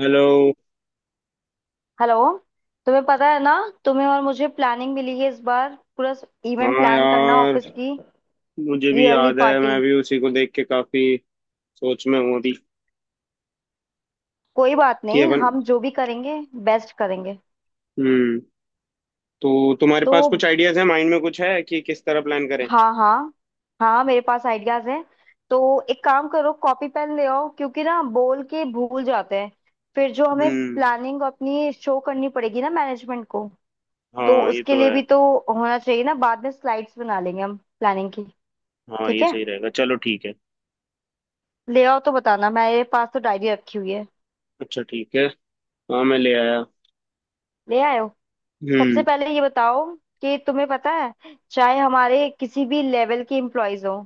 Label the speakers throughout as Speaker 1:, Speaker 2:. Speaker 1: Hello.
Speaker 2: Hello. तुम्हें पता है ना, तुम्हें और मुझे प्लानिंग मिली है इस बार। पूरा इवेंट
Speaker 1: हाँ
Speaker 2: प्लान करना, ऑफिस
Speaker 1: यार।
Speaker 2: की
Speaker 1: मुझे भी
Speaker 2: ईयरली
Speaker 1: याद है,
Speaker 2: पार्टी।
Speaker 1: मैं भी उसी को देख के काफी सोच में हूँ अभी
Speaker 2: कोई बात
Speaker 1: कि
Speaker 2: नहीं,
Speaker 1: अपन।
Speaker 2: हम जो भी करेंगे बेस्ट करेंगे।
Speaker 1: हम्म। तो तुम्हारे
Speaker 2: तो
Speaker 1: पास कुछ आइडियाज है माइंड में, कुछ है कि किस तरह प्लान करें?
Speaker 2: हाँ हाँ, हाँ मेरे पास आइडियाज हैं। तो एक काम करो, कॉपी पेन ले आओ क्योंकि ना बोल के भूल जाते हैं। फिर जो हमें
Speaker 1: हम्म।
Speaker 2: प्लानिंग अपनी शो करनी पड़ेगी ना मैनेजमेंट को, तो
Speaker 1: हाँ ये
Speaker 2: उसके
Speaker 1: तो
Speaker 2: लिए
Speaker 1: है।
Speaker 2: भी तो होना चाहिए ना। बाद में स्लाइड्स बना लेंगे हम प्लानिंग की।
Speaker 1: हाँ
Speaker 2: ठीक
Speaker 1: ये
Speaker 2: है,
Speaker 1: सही रहेगा, चलो ठीक है।
Speaker 2: ले आओ तो बताना, मेरे पास तो डायरी रखी हुई है।
Speaker 1: अच्छा ठीक है। हाँ मैं ले आया।
Speaker 2: ले आए हो? सबसे
Speaker 1: हम्म।
Speaker 2: पहले ये बताओ कि तुम्हें पता है, चाहे हमारे किसी भी लेवल के एम्प्लॉयज हो,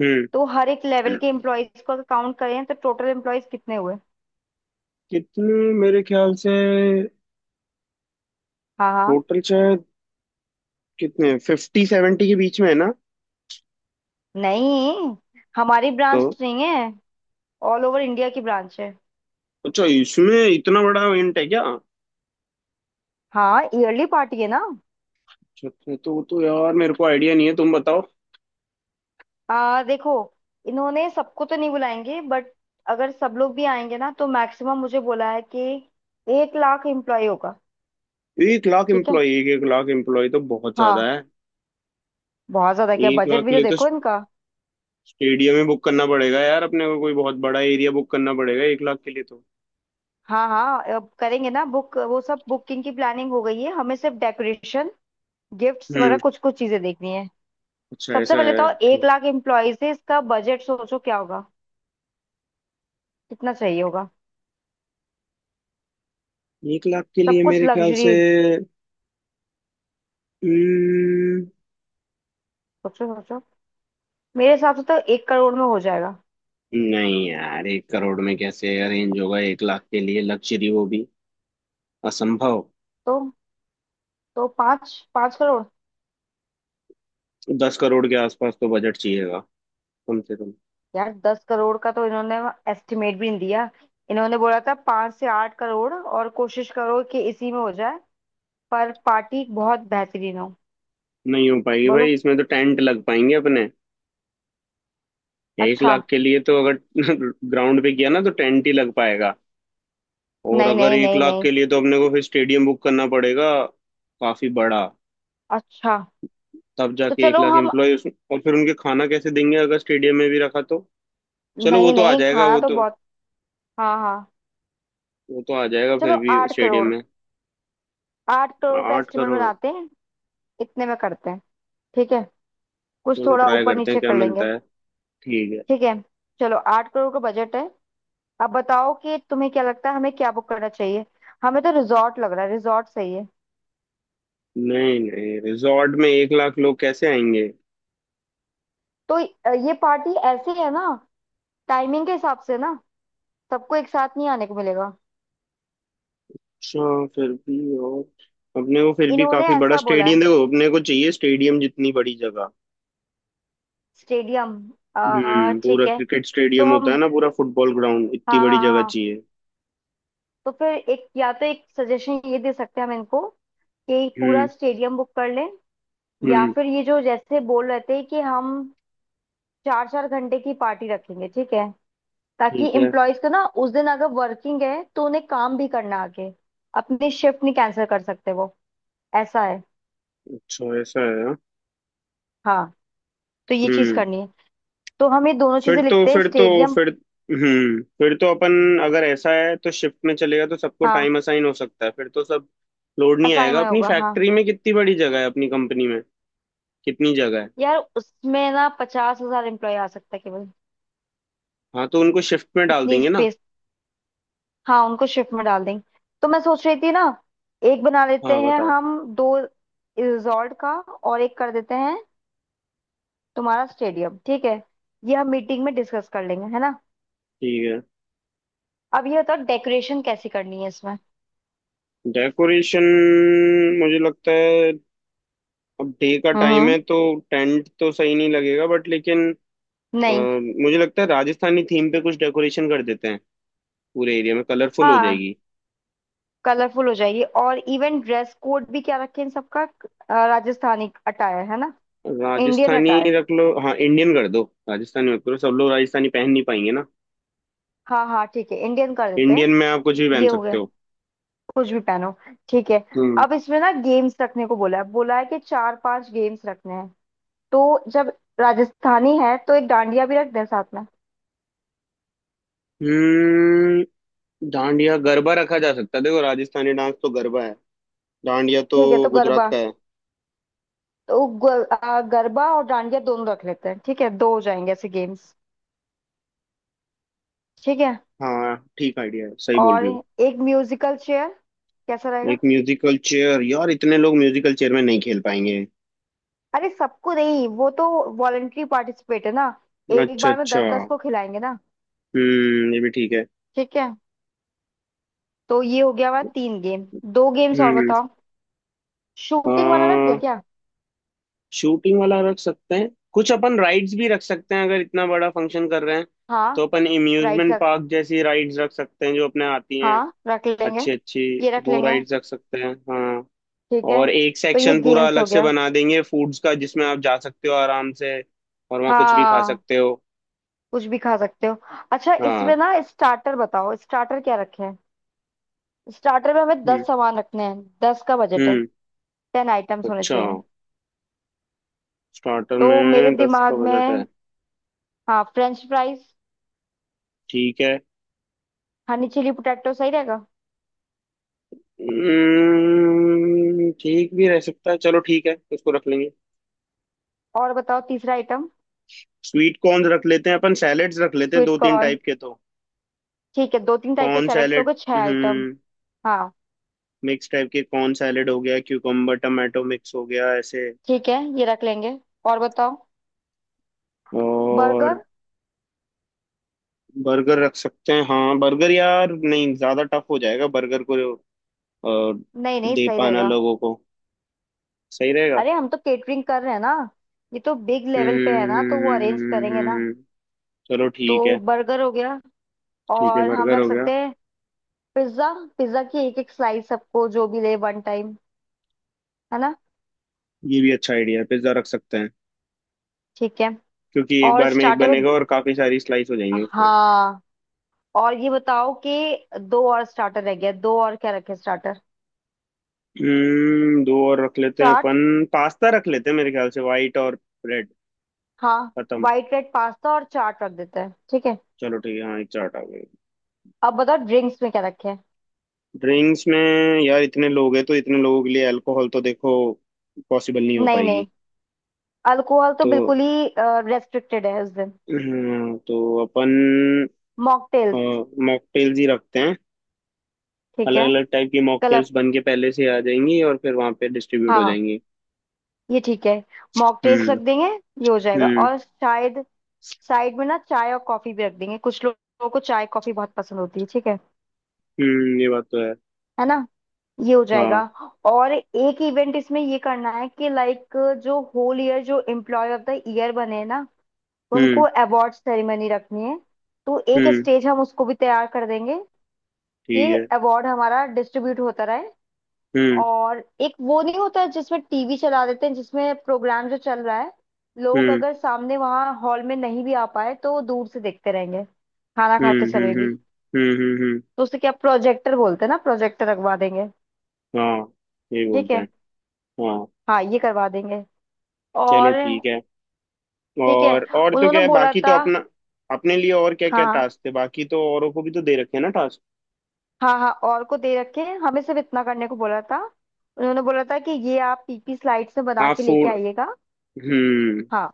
Speaker 1: हम्म।
Speaker 2: तो हर एक लेवल के एम्प्लॉयज को अगर काउंट करें तो टोटल एम्प्लॉयज कितने हुए?
Speaker 1: कितने? मेरे ख्याल से
Speaker 2: हाँ हाँ।
Speaker 1: टोटल शायद कितने 50 70 के बीच में है ना।
Speaker 2: नहीं, हमारी
Speaker 1: तो
Speaker 2: ब्रांच नहीं है, ऑल ओवर इंडिया की ब्रांच है।
Speaker 1: अच्छा, इसमें इतना बड़ा इवेंट है क्या?
Speaker 2: हाँ, ईयरली पार्टी है ना।
Speaker 1: अच्छा अच्छा, तो यार मेरे को आइडिया नहीं है, तुम बताओ।
Speaker 2: देखो, इन्होंने सबको तो नहीं बुलाएंगे बट अगर सब लोग भी आएंगे ना तो मैक्सिमम मुझे बोला है कि 1 लाख एम्प्लॉय होगा।
Speaker 1: 1 लाख
Speaker 2: ठीक है,
Speaker 1: एम्प्लॉय? एक एक लाख एम्प्लॉय तो बहुत ज्यादा
Speaker 2: हाँ।
Speaker 1: है।
Speaker 2: बहुत ज्यादा क्या,
Speaker 1: एक
Speaker 2: बजट
Speaker 1: लाख
Speaker 2: भी
Speaker 1: के
Speaker 2: तो
Speaker 1: लिए तो
Speaker 2: देखो इनका।
Speaker 1: स्टेडियम ही बुक करना पड़ेगा यार। अपने को कोई बहुत बड़ा एरिया बुक करना पड़ेगा 1 लाख के लिए तो।
Speaker 2: हाँ हाँ, अब करेंगे ना बुक, वो सब बुकिंग की प्लानिंग हो गई है। हमें सिर्फ डेकोरेशन, गिफ्ट्स वगैरह
Speaker 1: हम्म।
Speaker 2: कुछ कुछ चीजें देखनी है।
Speaker 1: अच्छा
Speaker 2: सबसे
Speaker 1: ऐसा
Speaker 2: पहले
Speaker 1: है।
Speaker 2: तो एक
Speaker 1: ठीक।
Speaker 2: लाख एम्प्लॉयज है, इसका बजट सोचो क्या होगा, कितना चाहिए होगा।
Speaker 1: 1 लाख के
Speaker 2: सब
Speaker 1: लिए
Speaker 2: कुछ
Speaker 1: मेरे ख्याल से।
Speaker 2: लग्जरी,
Speaker 1: हम्म।
Speaker 2: सोचो सोचो। मेरे हिसाब से तो 1 करोड़ में हो जाएगा।
Speaker 1: नहीं यार, 1 करोड़ में कैसे अरेंज होगा 1 लाख के लिए लग्जरी, वो भी? असंभव।
Speaker 2: तो तो पाँच पाँच करोड़।
Speaker 1: 10 करोड़ के आसपास तो बजट चाहिएगा कम से कम।
Speaker 2: यार 10 करोड़ का तो इन्होंने एस्टिमेट भी नहीं दिया। इन्होंने बोला था 5 से 8 करोड़ और कोशिश करो कि इसी में हो जाए, पर पार्टी बहुत बेहतरीन हो।
Speaker 1: नहीं हो पाएगी
Speaker 2: बोलो,
Speaker 1: भाई, इसमें तो टेंट लग पाएंगे अपने। एक
Speaker 2: अच्छा।
Speaker 1: लाख के लिए तो अगर ग्राउंड पे किया ना तो टेंट ही लग पाएगा। और
Speaker 2: नहीं
Speaker 1: अगर
Speaker 2: नहीं
Speaker 1: एक
Speaker 2: नहीं
Speaker 1: लाख
Speaker 2: नहीं।
Speaker 1: के लिए तो अपने को फिर स्टेडियम बुक करना पड़ेगा, काफी बड़ा।
Speaker 2: अच्छा,
Speaker 1: तब
Speaker 2: तो
Speaker 1: जाके एक
Speaker 2: चलो
Speaker 1: लाख
Speaker 2: हम।
Speaker 1: एम्प्लॉय, और फिर उनके खाना कैसे देंगे अगर स्टेडियम में भी रखा तो। चलो वो
Speaker 2: नहीं
Speaker 1: तो आ
Speaker 2: नहीं,
Speaker 1: जाएगा,
Speaker 2: खाना
Speaker 1: वो
Speaker 2: तो
Speaker 1: तो।
Speaker 2: बहुत। हाँ हाँ।
Speaker 1: वो तो आ जाएगा
Speaker 2: चलो
Speaker 1: फिर भी
Speaker 2: आठ
Speaker 1: स्टेडियम
Speaker 2: करोड़
Speaker 1: में।
Speaker 2: 8 करोड़ का
Speaker 1: आठ
Speaker 2: एस्टिमेट
Speaker 1: करोड़
Speaker 2: बनाते हैं, इतने में करते हैं। ठीक है, कुछ
Speaker 1: चलो
Speaker 2: थोड़ा
Speaker 1: ट्राई
Speaker 2: ऊपर
Speaker 1: करते हैं
Speaker 2: नीचे
Speaker 1: क्या
Speaker 2: कर लेंगे।
Speaker 1: मिलता है। ठीक है।
Speaker 2: ठीक है, चलो 8 करोड़ का बजट है। अब बताओ कि तुम्हें क्या लगता है, हमें क्या बुक करना चाहिए? हमें तो रिजॉर्ट लग रहा है, रिजॉर्ट सही है।
Speaker 1: नहीं नहीं, रिजॉर्ट में 1 लाख लोग कैसे आएंगे?
Speaker 2: तो ये पार्टी ऐसी है ना, टाइमिंग के हिसाब से ना, सबको एक साथ नहीं आने को मिलेगा।
Speaker 1: अच्छा, फिर भी। और अपने को फिर भी
Speaker 2: इन्होंने
Speaker 1: काफी बड़ा
Speaker 2: ऐसा बोला है,
Speaker 1: स्टेडियम देखो, अपने को चाहिए स्टेडियम जितनी बड़ी जगह।
Speaker 2: स्टेडियम। आ
Speaker 1: हम्म। पूरा
Speaker 2: ठीक है।
Speaker 1: क्रिकेट
Speaker 2: तो
Speaker 1: स्टेडियम होता है
Speaker 2: हम,
Speaker 1: ना, पूरा फुटबॉल ग्राउंड, इतनी
Speaker 2: हाँ
Speaker 1: बड़ी
Speaker 2: हाँ
Speaker 1: जगह
Speaker 2: हाँ,
Speaker 1: चाहिए।
Speaker 2: तो फिर एक, या तो एक सजेशन ये दे सकते हैं हम इनको कि पूरा
Speaker 1: हम्म।
Speaker 2: स्टेडियम बुक कर लें। या
Speaker 1: हम्म।
Speaker 2: फिर ये जो जैसे बोल रहे थे कि हम चार चार घंटे की पार्टी रखेंगे। ठीक है, ताकि
Speaker 1: ठीक है।
Speaker 2: एम्प्लॉयज का ना उस दिन अगर वर्किंग है तो उन्हें काम भी करना है आगे, अपनी शिफ्ट नहीं कैंसिल कर सकते वो। ऐसा है।
Speaker 1: अच्छा ऐसा है, हाँ।
Speaker 2: हाँ, तो ये चीज
Speaker 1: हम्म
Speaker 2: करनी है। तो हम ये दोनों
Speaker 1: फिर
Speaker 2: चीजें
Speaker 1: तो
Speaker 2: लिखते हैं,
Speaker 1: फिर तो
Speaker 2: स्टेडियम।
Speaker 1: फिर फिर तो अपन अगर ऐसा है तो शिफ्ट में चलेगा, तो सबको
Speaker 2: हाँ,
Speaker 1: टाइम असाइन हो सकता है, फिर तो सब लोड नहीं
Speaker 2: असाई
Speaker 1: आएगा।
Speaker 2: में
Speaker 1: अपनी
Speaker 2: होगा हाँ।
Speaker 1: फैक्ट्री में कितनी बड़ी जगह है, अपनी कंपनी में कितनी जगह है?
Speaker 2: यार उसमें ना 50,000 एम्प्लॉय आ सकता है केवल,
Speaker 1: हाँ तो उनको शिफ्ट में डाल
Speaker 2: इतनी
Speaker 1: देंगे ना।
Speaker 2: स्पेस। हाँ, उनको शिफ्ट में डाल देंगे। तो मैं सोच रही थी ना, एक बना लेते
Speaker 1: हाँ
Speaker 2: हैं
Speaker 1: बताओ।
Speaker 2: हम दो, रिजॉर्ट का और एक कर देते हैं तुम्हारा स्टेडियम। ठीक है, ये हम मीटिंग में डिस्कस कर लेंगे है ना।
Speaker 1: ठीक है।
Speaker 2: अब ये बताओ डेकोरेशन कैसी करनी है इसमें?
Speaker 1: डेकोरेशन। मुझे लगता है अब डे का टाइम
Speaker 2: हम्म।
Speaker 1: है तो टेंट तो सही नहीं लगेगा, बट लेकिन अ,
Speaker 2: नहीं,
Speaker 1: मुझे लगता है राजस्थानी थीम पे कुछ डेकोरेशन कर देते हैं, पूरे एरिया में कलरफुल हो
Speaker 2: हाँ,
Speaker 1: जाएगी।
Speaker 2: कलरफुल हो जाएगी, और इवन ड्रेस कोड भी क्या रखें इन सबका? राजस्थानी अटायर है ना? Indian
Speaker 1: Rajasthani
Speaker 2: attire.
Speaker 1: रख लो, हाँ इंडियन कर दो। राजस्थानी मत करो, सब लोग राजस्थानी पहन नहीं पाएंगे ना।
Speaker 2: हाँ हाँ, ठीक है, इंडियन कर देते हैं।
Speaker 1: इंडियन में आप कुछ भी
Speaker 2: ये
Speaker 1: पहन
Speaker 2: हो
Speaker 1: सकते
Speaker 2: गया,
Speaker 1: हो।
Speaker 2: कुछ भी पहनो। ठीक है।
Speaker 1: हम्म।
Speaker 2: अब इसमें ना गेम्स रखने को बोला है, बोला है कि चार पांच गेम्स रखने हैं। तो जब राजस्थानी है तो एक डांडिया भी रख दें साथ में।
Speaker 1: हम्म। डांडिया गरबा रखा जा सकता है, देखो राजस्थानी डांस तो गरबा है, डांडिया तो
Speaker 2: ठीक है, तो
Speaker 1: गुजरात
Speaker 2: गरबा।
Speaker 1: का है।
Speaker 2: तो गरबा और डांडिया दोनों रख लेते हैं। ठीक है, दो हो जाएंगे ऐसे गेम्स। ठीक है,
Speaker 1: हाँ, ठीक आइडिया है, सही बोल
Speaker 2: और
Speaker 1: रही हो।
Speaker 2: एक म्यूजिकल चेयर कैसा रहेगा?
Speaker 1: एक म्यूजिकल चेयर? यार इतने लोग म्यूजिकल चेयर में नहीं खेल पाएंगे।
Speaker 2: अरे सबको नहीं, वो तो वॉलेंट्री पार्टिसिपेट है ना, एक
Speaker 1: अच्छा
Speaker 2: बार में
Speaker 1: अच्छा।
Speaker 2: दस दस को खिलाएंगे ना।
Speaker 1: हम्म, ये भी ठीक है।
Speaker 2: ठीक है, तो ये हो गया हमारा तीन गेम। दो गेम्स और बताओ, शूटिंग वाला रख
Speaker 1: हम्म।
Speaker 2: दें क्या?
Speaker 1: शूटिंग वाला रख सकते हैं, कुछ अपन राइड्स भी रख सकते हैं अगर इतना बड़ा फंक्शन कर रहे हैं।
Speaker 2: हाँ,
Speaker 1: तो अपन
Speaker 2: राइट
Speaker 1: इम्यूजमेंट
Speaker 2: रख,
Speaker 1: पार्क जैसी राइड्स रख सकते हैं जो अपने आती हैं।
Speaker 2: हाँ रख लेंगे,
Speaker 1: अच्छी अच्छी
Speaker 2: ये रख
Speaker 1: वो
Speaker 2: लेंगे।
Speaker 1: राइड्स रख सकते हैं, हाँ।
Speaker 2: ठीक है,
Speaker 1: और एक
Speaker 2: तो ये
Speaker 1: सेक्शन पूरा
Speaker 2: गेम्स
Speaker 1: अलग
Speaker 2: हो
Speaker 1: से
Speaker 2: गया।
Speaker 1: बना देंगे फूड्स का, जिसमें आप जा सकते हो आराम से। और वहाँ कुछ भी खा
Speaker 2: हाँ,
Speaker 1: सकते हो।
Speaker 2: कुछ भी खा सकते हो। अच्छा,
Speaker 1: हाँ।
Speaker 2: इसमें ना स्टार्टर बताओ, स्टार्टर क्या रखे हैं? स्टार्टर में हमें दस
Speaker 1: हम्म।
Speaker 2: सामान रखने हैं, 10 का बजट है,
Speaker 1: हम्म।
Speaker 2: 10 आइटम्स होने
Speaker 1: अच्छा।
Speaker 2: चाहिए।
Speaker 1: स्टार्टर
Speaker 2: तो मेरे
Speaker 1: में 10 का
Speaker 2: दिमाग
Speaker 1: बजट है।
Speaker 2: में, हाँ, फ्रेंच फ्राइज,
Speaker 1: ठीक है।
Speaker 2: हनी चिली पोटैटो सही रहेगा।
Speaker 1: ठीक भी रह सकता है, चलो ठीक है, उसको रख लेंगे।
Speaker 2: और बताओ तीसरा आइटम।
Speaker 1: स्वीट कॉर्न रख लेते हैं अपन, सैलेड्स रख लेते हैं
Speaker 2: स्वीट
Speaker 1: दो तीन
Speaker 2: कॉर्न।
Speaker 1: टाइप के तो।
Speaker 2: ठीक है, दो तीन टाइप के
Speaker 1: कॉर्न
Speaker 2: सैलेड्स हो
Speaker 1: सैलेड।
Speaker 2: गए छह आइटम।
Speaker 1: हम्म।
Speaker 2: हाँ,
Speaker 1: मिक्स टाइप के कॉर्न सैलेड हो गया, क्यूकम्बर टमाटो मिक्स हो गया ऐसे।
Speaker 2: ठीक है, ये रख लेंगे। और बताओ,
Speaker 1: और?
Speaker 2: बर्गर।
Speaker 1: बर्गर रख सकते हैं, हाँ। बर्गर, यार नहीं, ज्यादा टफ हो जाएगा बर्गर को अ,
Speaker 2: नहीं नहीं,
Speaker 1: दे
Speaker 2: सही
Speaker 1: पाना
Speaker 2: रहेगा,
Speaker 1: लोगों को। सही रहेगा।
Speaker 2: अरे हम तो केटरिंग कर रहे हैं ना, ये तो बिग लेवल पे है
Speaker 1: हम्म।
Speaker 2: ना तो वो अरेंज करेंगे ना।
Speaker 1: हम्म। चलो ठीक
Speaker 2: तो
Speaker 1: है।
Speaker 2: बर्गर हो गया,
Speaker 1: ठीक है,
Speaker 2: और हम
Speaker 1: बर्गर
Speaker 2: रख
Speaker 1: हो गया।
Speaker 2: सकते हैं पिज्जा, पिज्जा की एक एक स्लाइस सबको जो भी ले वन टाइम, है ना?
Speaker 1: ये भी अच्छा आइडिया है, पिज्जा रख सकते हैं
Speaker 2: ठीक है,
Speaker 1: क्योंकि एक
Speaker 2: और
Speaker 1: बार में एक
Speaker 2: स्टार्टर में,
Speaker 1: बनेगा और काफी सारी स्लाइस हो जाएंगी उसमें।
Speaker 2: हाँ, और ये बताओ कि दो और स्टार्टर रह गया, दो और क्या रखे स्टार्टर?
Speaker 1: हम्म, दो और रख लेते हैं
Speaker 2: चाट,
Speaker 1: अपन, पास्ता रख लेते हैं मेरे ख्याल से, व्हाइट और रेड।
Speaker 2: हाँ,
Speaker 1: खत्म।
Speaker 2: वाइट रेड पास्ता और चाट रख देते हैं। ठीक है,
Speaker 1: चलो ठीक है, हाँ, एक चार्ट आ गई।
Speaker 2: अब बताओ ड्रिंक्स में क्या रखे।
Speaker 1: ड्रिंक्स में? यार इतने लोग हैं तो इतने लोगों के लिए अल्कोहल तो देखो पॉसिबल नहीं हो
Speaker 2: नहीं नहीं,
Speaker 1: पाएगी।
Speaker 2: अल्कोहल तो
Speaker 1: तो
Speaker 2: बिल्कुल ही रेस्ट्रिक्टेड है उस दिन।
Speaker 1: तो अपन
Speaker 2: मॉकटेल्स।
Speaker 1: मॉकटेल्स ही रखते हैं।
Speaker 2: ठीक
Speaker 1: अलग
Speaker 2: है,
Speaker 1: अलग टाइप की मॉकटेल्स बन के पहले से आ जाएंगी और फिर वहां पे डिस्ट्रीब्यूट हो
Speaker 2: हाँ,
Speaker 1: जाएंगी।
Speaker 2: ये ठीक है, मॉकटेल्स रख
Speaker 1: हम्म।
Speaker 2: देंगे, ये हो जाएगा।
Speaker 1: हम्म।
Speaker 2: और शायद साइड में ना चाय और कॉफी भी रख देंगे, कुछ लोगों को चाय कॉफी बहुत पसंद होती है। ठीक है
Speaker 1: हम्म। ये बात तो है।
Speaker 2: है ना, ये हो जाएगा।
Speaker 1: हाँ।
Speaker 2: और एक इवेंट इसमें ये करना है कि लाइक जो होल ईयर जो एम्प्लॉय ऑफ द ईयर बने ना, उनको
Speaker 1: हम्म।
Speaker 2: अवार्ड सेरेमनी रखनी है। तो एक
Speaker 1: हम्म।
Speaker 2: स्टेज हम उसको भी तैयार कर देंगे
Speaker 1: ठीक
Speaker 2: कि
Speaker 1: है।
Speaker 2: अवार्ड हमारा डिस्ट्रीब्यूट होता रहे।
Speaker 1: हम्म।
Speaker 2: और एक वो नहीं होता है जिसमें टीवी चला देते हैं, जिसमें प्रोग्राम जो चल रहा है लोग
Speaker 1: हम्म।
Speaker 2: अगर सामने वहां हॉल में नहीं भी आ पाए तो वो दूर से देखते रहेंगे, खाना खाते
Speaker 1: हम्म। हम्म।
Speaker 2: समय भी।
Speaker 1: हम्म। हम्म। हम्म। हम्म।
Speaker 2: तो उसे क्या प्रोजेक्टर बोलते हैं ना, प्रोजेक्टर लगवा देंगे।
Speaker 1: हाँ, यही
Speaker 2: ठीक
Speaker 1: बोलते
Speaker 2: है,
Speaker 1: हैं। हाँ।
Speaker 2: हाँ, ये करवा देंगे।
Speaker 1: चलो
Speaker 2: और
Speaker 1: ठीक है।
Speaker 2: ठीक है,
Speaker 1: और तो
Speaker 2: उन्होंने
Speaker 1: क्या है,
Speaker 2: बोला
Speaker 1: बाकी तो
Speaker 2: था,
Speaker 1: अपना। अपने लिए और क्या क्या
Speaker 2: हाँ
Speaker 1: टास्क थे, बाकी तो औरों को भी तो दे रखे हैं ना टास्क।
Speaker 2: हाँ, हाँ और को दे रखे हैं, हमें सिर्फ इतना करने को बोला था। उन्होंने बोला था कि ये आप पीपी स्लाइड्स में बना
Speaker 1: हाँ,
Speaker 2: के लेके
Speaker 1: फूड।
Speaker 2: आइएगा।
Speaker 1: हम्म।
Speaker 2: हाँ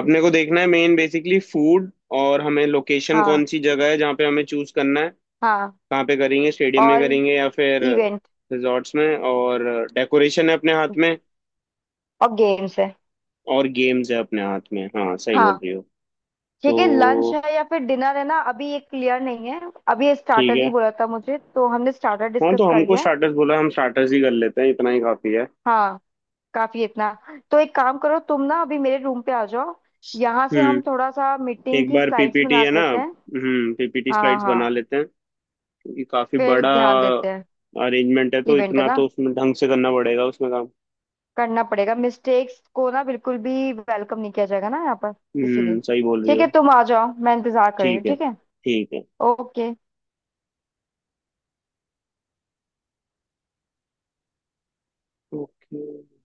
Speaker 1: अपने को देखना है मेन बेसिकली फूड, और हमें लोकेशन,
Speaker 2: हाँ
Speaker 1: कौन सी जगह है जहाँ पे हमें चूज करना है,
Speaker 2: हाँ।
Speaker 1: कहाँ पे करेंगे, स्टेडियम में
Speaker 2: और
Speaker 1: करेंगे या फिर
Speaker 2: इवेंट,
Speaker 1: रिजॉर्ट्स में। और डेकोरेशन है अपने हाथ में।
Speaker 2: और गेम्स है।
Speaker 1: और गेम्स है अपने हाथ में, हाँ सही बोल
Speaker 2: हाँ
Speaker 1: रही हो।
Speaker 2: ठीक है, लंच
Speaker 1: तो।
Speaker 2: है या फिर डिनर है ना अभी ये क्लियर नहीं है। अभी ये
Speaker 1: ठीक
Speaker 2: स्टार्टर ही
Speaker 1: है।
Speaker 2: बोला था मुझे, तो हमने स्टार्टर
Speaker 1: हाँ, तो
Speaker 2: डिस्कस कर
Speaker 1: हमको
Speaker 2: लिया है।
Speaker 1: स्टार्टर्स बोला, हम स्टार्टर्स ही कर लेते हैं, इतना ही काफी है।
Speaker 2: हाँ, काफी है इतना। तो एक काम करो तुम, ना अभी मेरे रूम पे आ जाओ, यहाँ से हम
Speaker 1: हम्म।
Speaker 2: थोड़ा सा मीटिंग
Speaker 1: एक
Speaker 2: की
Speaker 1: बार
Speaker 2: स्लाइड्स
Speaker 1: पीपीटी
Speaker 2: बना
Speaker 1: है ना,
Speaker 2: लेते हैं।
Speaker 1: पीपीटी
Speaker 2: हाँ हाँ
Speaker 1: स्लाइड्स
Speaker 2: हाँ,
Speaker 1: बना लेते हैं क्योंकि काफी
Speaker 2: फिर
Speaker 1: बड़ा
Speaker 2: ध्यान देते हैं।
Speaker 1: अरेंजमेंट है, तो
Speaker 2: इवेंट है
Speaker 1: इतना तो
Speaker 2: ना,
Speaker 1: उसमें ढंग से करना पड़ेगा, उसमें काम।
Speaker 2: करना पड़ेगा, मिस्टेक्स को ना बिल्कुल भी वेलकम नहीं किया जाएगा ना यहाँ पर, इसीलिए।
Speaker 1: सही बोल रही
Speaker 2: ठीक
Speaker 1: हो।
Speaker 2: है, तुम आ जाओ, मैं इंतजार कर रही हूँ।
Speaker 1: ठीक है।
Speaker 2: ठीक है।
Speaker 1: ठीक है।
Speaker 2: ओके।
Speaker 1: ओके।